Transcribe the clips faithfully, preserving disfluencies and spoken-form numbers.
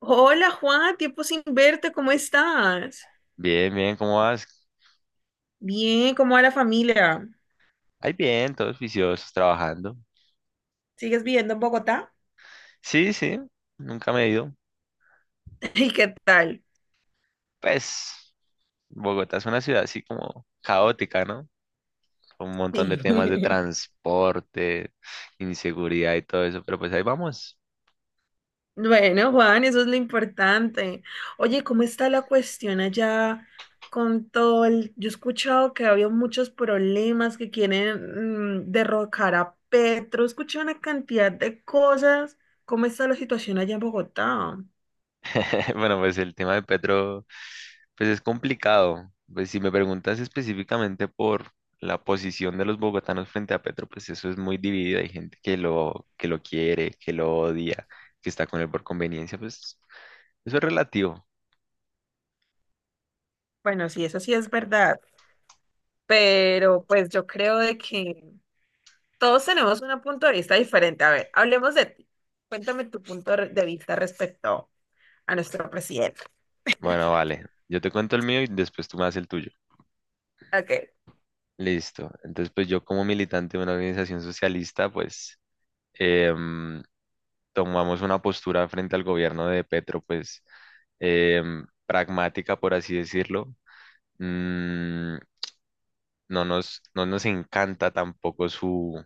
Hola Juan, tiempo sin verte, ¿cómo estás? Bien, bien, ¿cómo vas? Bien, ¿cómo va la familia? Ay, bien, todos viciosos, trabajando. ¿Sigues viviendo en Bogotá? Sí, sí, nunca me he ido. ¿Y qué tal? Pues, Bogotá es una ciudad así como caótica, ¿no? Con un montón de Sí. temas de transporte, inseguridad y todo eso, pero pues ahí vamos. Bueno, Juan, eso es lo importante. Oye, ¿cómo está la cuestión allá con todo el... Yo he escuchado que había muchos problemas que quieren mm, derrocar a Petro, escuché una cantidad de cosas. ¿Cómo está la situación allá en Bogotá? Bueno, pues el tema de Petro, pues es complicado. Pues si me preguntas específicamente por la posición de los bogotanos frente a Petro, pues eso es muy dividido. Hay gente que lo, que lo quiere, que lo odia, que está con él por conveniencia, pues eso es relativo. Bueno, sí, eso sí es verdad, pero pues yo creo de que... Todos tenemos un punto de vista diferente. A ver, hablemos de ti. Cuéntame tu punto re- de vista respecto a nuestro presidente. Bueno, vale. Yo te cuento el mío y después tú me haces el tuyo. Ok. Listo. Entonces, pues yo como militante de una organización socialista, pues em, tomamos una postura frente al gobierno de Petro, pues em, pragmática, por así decirlo. Mm, no nos, no nos encanta tampoco su,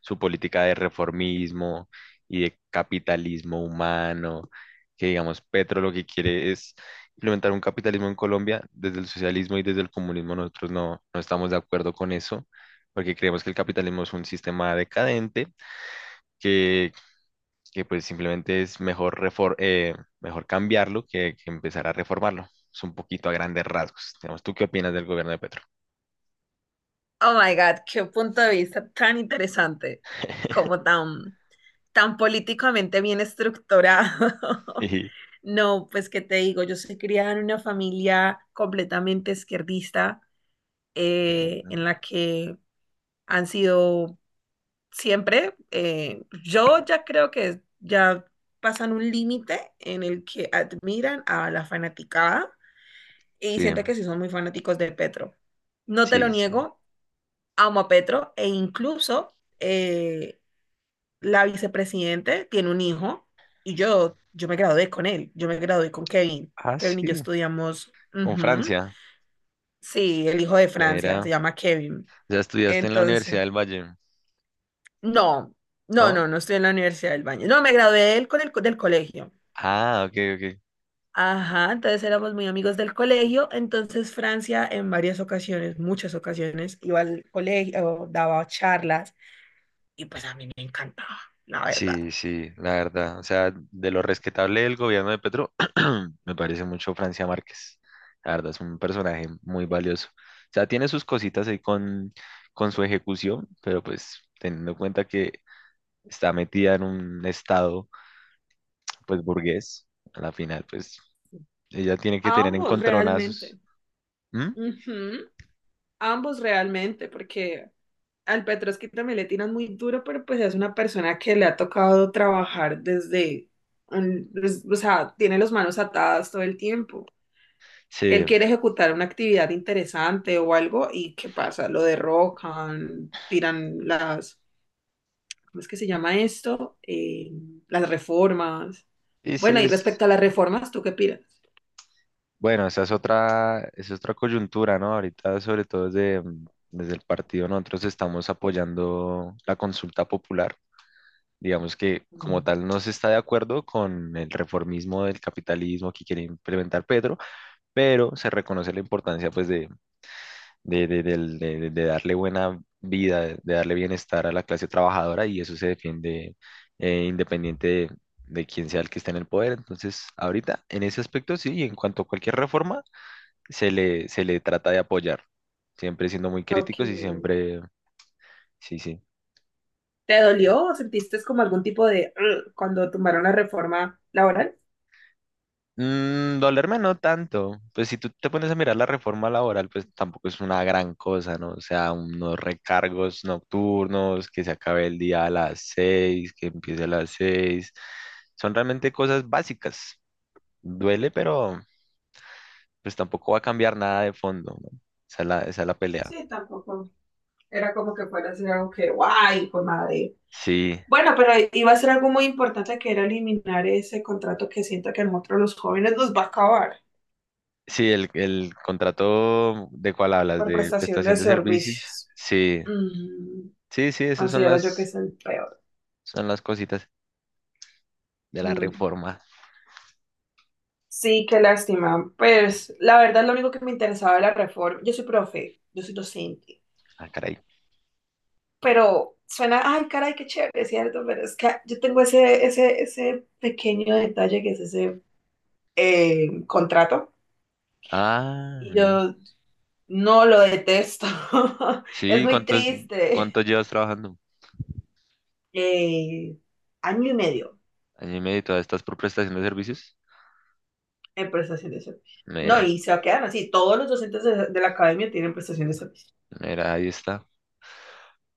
su política de reformismo y de capitalismo humano, que digamos, Petro lo que quiere es implementar un capitalismo en Colombia. Desde el socialismo y desde el comunismo nosotros no, no estamos de acuerdo con eso, porque creemos que el capitalismo es un sistema decadente, que, que pues simplemente es mejor, refor- eh, mejor cambiarlo que, que empezar a reformarlo. Es un poquito a grandes rasgos. Digamos, ¿tú qué opinas del gobierno de Petro? Oh my God, qué punto de vista tan interesante, como tan, tan políticamente bien estructurado. Sí, No, pues qué te digo, yo soy criada en una familia completamente izquierdista, eh, eh, en la que han sido siempre. Eh, yo ya creo que ya pasan un límite en el que admiran a la fanaticada y sí, siento que sí son muy fanáticos de Petro. No te lo sí. Sí. niego, amo a Petro e incluso eh, la vicepresidente tiene un hijo y yo, yo me gradué con él, yo me gradué con Kevin. Ah, Kevin y yo sí. estudiamos, Con ujú, Francia. sí, el hijo de Francia, se Mira, llama Kevin. ya estudiaste en la Universidad Entonces... del Valle, No, no, ¿no? no, no estoy en la Universidad del Valle. No, me gradué del, con el, co- del colegio. Ah, ok, ok. Ajá, entonces éramos muy amigos del colegio. Entonces Francia en varias ocasiones, muchas ocasiones, iba al colegio, daba charlas y pues a mí me encantaba, la verdad. Sí, sí, la verdad. O sea, de lo respetable del gobierno de Petro, me parece mucho Francia Márquez. La verdad, es un personaje muy valioso. O sea, tiene sus cositas ahí con, con su ejecución, pero pues teniendo en cuenta que está metida en un estado, pues burgués, a la final, pues Sí. ella tiene que tener Ambos encontronazos. realmente. ¿Mm? Ujú, ambos realmente, porque al Petrovsky también le tiran muy duro, pero pues es una persona que le ha tocado trabajar desde, un- des- o sea, tiene las manos atadas todo el tiempo. Sí, Él quiere ejecutar una actividad interesante o algo y ¿qué pasa? Lo derrocan, tiran las, ¿cómo es que se llama esto? Eh, las reformas. y sí, Bueno, y es. respecto a las reformas, ¿tú qué piensas? Bueno, esa es otra, esa es otra coyuntura, ¿no? Ahorita, sobre todo desde, mm, desde el partido, nosotros estamos apoyando la consulta popular. Digamos que como Mm. tal no se está de acuerdo con el reformismo del capitalismo que quiere implementar Pedro, pero se reconoce la importancia pues de, de, de, del- de- de- de darle buena vida, de de darle bienestar a la clase trabajadora, y eso se defiende eh, independiente de, de quién sea el que esté en el poder. Entonces, ahorita en ese aspecto sí, y en cuanto a cualquier reforma se le, se le trata de apoyar, siempre siendo muy Ok. críticos y siempre, sí, sí. ¿Te Eh, dolió o sentiste como algún tipo de "Ugh", cuando tomaron la reforma laboral? Mm, dolerme no tanto, pues si tú te pones a mirar la reforma laboral, pues tampoco es una gran cosa, ¿no? O sea, unos recargos nocturnos, que se acabe el día a las seis, que empiece a las seis, son realmente cosas básicas. Duele, pero pues tampoco va a cambiar nada de fondo, ¿no? Esa es la, esa es la pelea. Sí, tampoco. Era como que fuera a ser algo que, guay, pues madre. Sí, Bueno, pero iba a ser algo muy importante que era eliminar ese contrato que siento que a nosotros los jóvenes nos va a acabar sí, el, el contrato de cuál hablas, por de prestación prestación de de servicios. servicios. Sí, Mm, sí, sí, esas son considero yo que las, es el peor. son las cositas de la Mm. reforma. Sí, qué lástima. Pues la verdad lo único que me interesaba era la reforma. Yo soy profe, yo soy docente, Ah, caray. pero suena, ay, caray, qué chévere, ¿cierto? Pero es que yo tengo ese, ese, ese pequeño detalle que es ese eh, contrato. Ah, Y mira. yo no lo detesto. Es Sí, muy ¿cuántos, triste. cuánto llevas trabajando? Eh, Año y medio Año y medio, ¿todavía estás por prestación de servicios? en prestación de servicio. No, Mira, y se va a quedar así. Todos los docentes de, de la academia tienen prestación de servicio. mira, ahí está,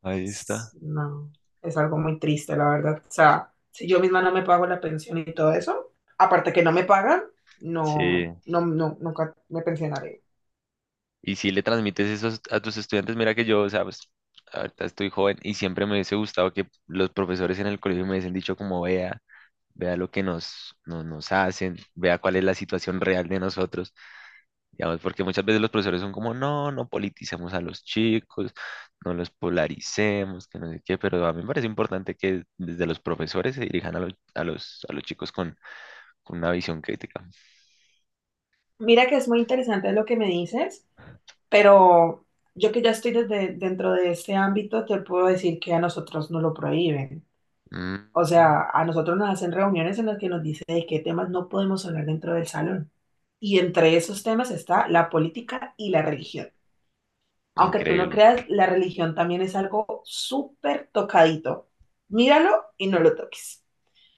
ahí está. Es- No, es algo muy triste, la verdad. O sea, si yo misma no me pago la pensión y todo eso, aparte que no me pagan, no, Sí. no, no, nunca me pensionaré. Y si le transmites eso a tus estudiantes, mira que yo, o sea, pues, ahorita estoy joven y siempre me hubiese gustado que los profesores en el colegio me hubiesen dicho como vea. Vea lo que nos, no- nos hacen, vea cuál es la situación real de nosotros, digamos, porque muchas veces los profesores son como, no, no politicemos a los chicos, no los polaricemos, que no sé qué, pero a mí me parece importante que desde los profesores se dirijan a los, a los, a los chicos con, con una visión crítica. Mira que es muy interesante lo que me dices, pero yo que ya estoy desde, dentro de este ámbito, te puedo decir que a nosotros no lo prohíben. O Mm, sea, a nosotros nos hacen reuniones en las que nos dice de qué temas no podemos hablar dentro del salón. Y entre esos temas está la política y la religión. Aunque tú no Increíble. creas, la religión también es algo súper tocadito. Míralo y no lo toques.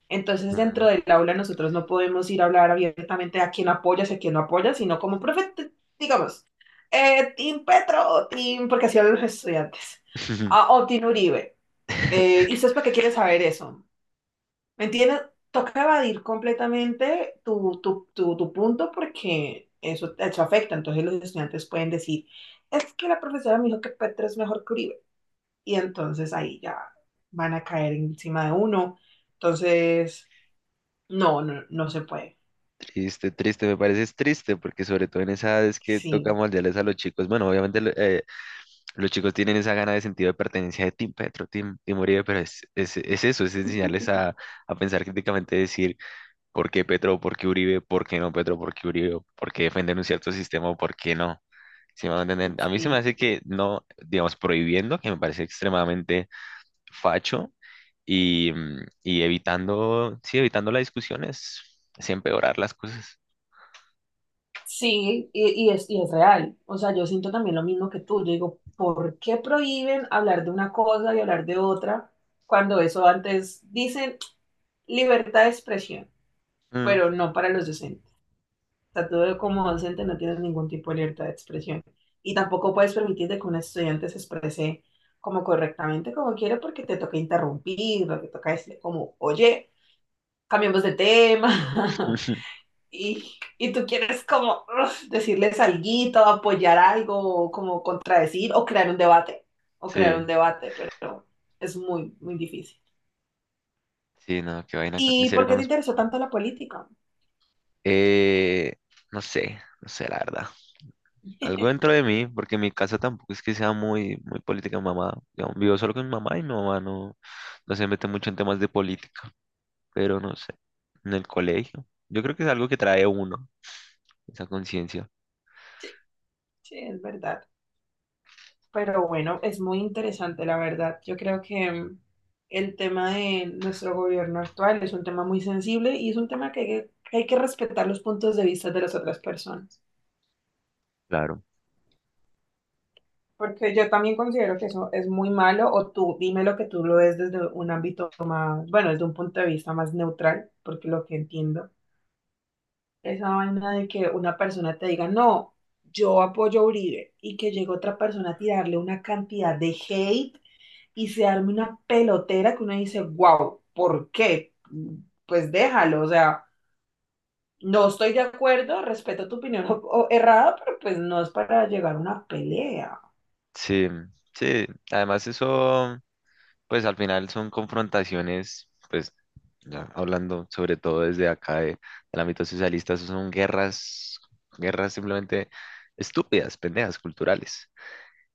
Entonces, dentro Mm. del aula nosotros no podemos ir a hablar abiertamente a quién apoyas y a quién no apoyas, sino como profe, t- digamos, eh, Team Petro, Team, porque así hablan los estudiantes, ah, o Team Uribe. Eh, ¿y ustedes para qué quieren saber eso? ¿Me entiendes? Toca evadir completamente tu, tu, tu, tu punto porque eso, eso afecta. Entonces los estudiantes pueden decir, es que la profesora me dijo que Petro es mejor que Uribe. Y entonces ahí ya van a caer encima de uno. Entonces, no, no, no se puede. Triste, triste, me parece es triste, porque sobre todo en esa edad es que toca Sí, moldearles a los chicos. Bueno, obviamente lo- eh, los chicos tienen esa gana de sentido de pertenencia de Team Petro, Team, Team Uribe, pero es, es, es eso, es enseñarles a, a pensar críticamente, decir por qué Petro, por qué Uribe, por qué no Petro, por qué Uribe, por qué defender un cierto sistema o por qué no. ¿Sí me van a entender? A mí se me sí, hace que no, digamos, prohibiendo, que me parece extremadamente facho, y, mm, y evitando, sí, evitando las discusiones, es empeorar las cosas. sí, y, y es, y es real. O sea, yo siento también lo mismo que tú. Yo digo, ¿por qué prohíben hablar de una cosa y hablar de otra cuando eso antes dicen libertad de expresión? Mm. Pero no para los docentes. O sea, tú como docente no tienes ningún tipo de libertad de expresión y tampoco puedes permitirte que un estudiante se exprese como correctamente como quiere porque te toca interrumpir, te toca decirle como, oye, cambiemos de tema y, y tú quieres como uf, decirles algo, apoyar algo, como contradecir o crear un debate, o crear un Sí, debate, pero es muy, muy difícil. sí, no, qué vaina, con- en ¿Y serio por qué con te los. interesó tanto la política? Eh, no sé, no sé, la verdad. Algo dentro de mí, porque mi casa tampoco es que sea muy, muy política. Mamá, digamos, vivo solo con mi mamá y mi mamá no, no se mete mucho en temas de política, pero no sé, en el colegio, yo creo que es algo que trae uno, esa conciencia, Sí, es verdad. Pero bueno, es muy interesante, la verdad. Yo creo que mm, el tema de nuestro gobierno actual es un tema muy sensible y es un tema que hay que, que hay que respetar los puntos de vista de las otras personas. claro, Porque yo también considero que eso es muy malo, o tú dime lo que tú lo ves desde un ámbito más, bueno, desde un punto de vista más neutral, porque lo que entiendo, esa vaina de que una persona te diga, no, yo apoyo a Uribe, y que llegue otra persona a tirarle una cantidad de hate y se arme una pelotera que uno dice, wow, ¿por qué? Pues déjalo, o sea, no estoy de acuerdo, respeto tu opinión o- o errada, pero pues no es para llegar a una pelea. sí, sí, además eso, pues al final son confrontaciones, pues ya hablando sobre todo desde acá de- del ámbito socialista, eso son guerras, guerras simplemente estúpidas, pendejas, culturales,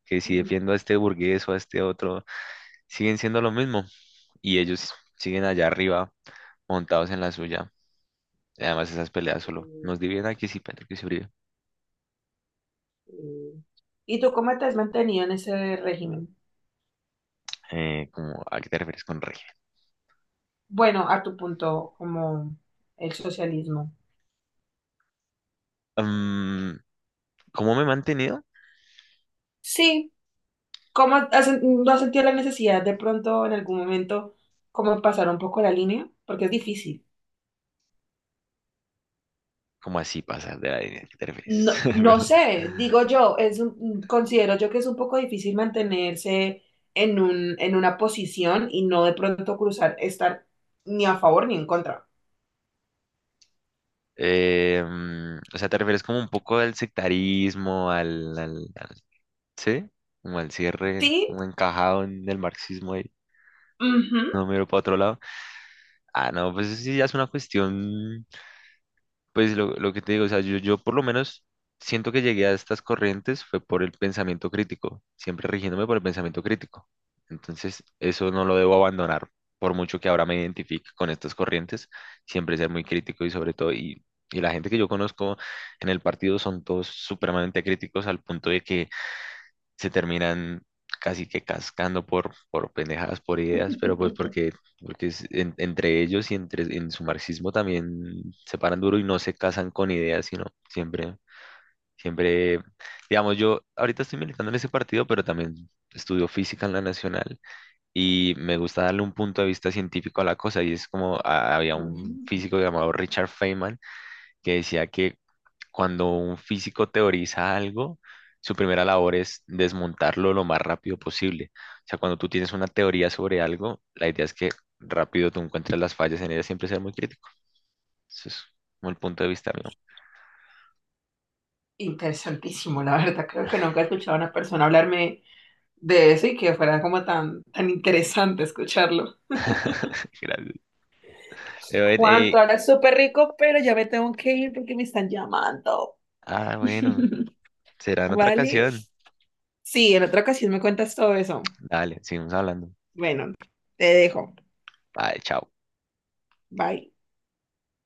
que si Mm, defiendo a este burgués o a este otro, siguen siendo lo mismo y ellos siguen allá arriba montados en la suya. Y además, esas peleas solo mm. nos dividen aquí sí, pero que se brillo. Mm. ¿Y tú cómo te has mantenido en ese régimen? Eh, como, ¿a qué te refieres con rey? Bueno, a tu punto, como el socialismo. Mm, ¿Cómo me he mantenido? Sí, ¿cómo has, no has sentido la necesidad de pronto en algún momento como pasar un poco la línea? Porque es difícil. ¿Cómo así pasar de la línea? ¿A qué te refieres? No, no Perdón. sé, digo yo, es un- considero yo que es un poco difícil mantenerse en un, en una posición y no de pronto cruzar, estar ni a favor ni en contra. Eh, mm, o sea, ¿te refieres como un poco al sectarismo, al, al- al- ¿sí? ¿Como al cierre, Sí, como encajado en el marxismo y ujú. no miro para otro lado? Ah, no, pues eso sí ya es una cuestión. Pues lo, lo que te digo, o sea, yo, yo por lo menos siento que llegué a estas corrientes fue por el pensamiento crítico, siempre rigiéndome por el pensamiento crítico. Entonces, eso no lo debo abandonar, por mucho que ahora me identifique con estas corrientes, siempre ser muy crítico y sobre todo, y, y la gente que yo conozco en el partido son todos supremamente críticos al punto de que se terminan casi que cascando por, por pendejadas, por ideas, pero pues porque, porque, es en- entre ellos y entre, en su marxismo también se paran duro y no se casan con ideas, sino siempre, siempre, digamos, yo ahorita estoy militando en ese partido, pero también estudio física en la nacional, y me gusta darle un punto de vista científico a la cosa y es como ah, había un Mm, físico llamado Richard Feynman que decía que cuando un físico teoriza algo, su primera labor es desmontarlo lo más rápido posible. O sea, cuando tú tienes una teoría sobre algo, la idea es que rápido tú encuentres las fallas en ella, siempre ser muy crítico. Eso es como el punto de vista mío. interesantísimo, la verdad. Creo que nunca he escuchado a una persona hablarme de eso y que fuera como tan, tan interesante escucharlo. Gracias. Eh, bueno, Juan, tú eh, hablas súper rico, pero ya me tengo que ir porque me están llamando. ah, bueno, será en otra ¿Vale? canción. Sí, en otra ocasión me cuentas todo eso. Dale, seguimos hablando. Bueno, te dejo. Vale, chao. Bye.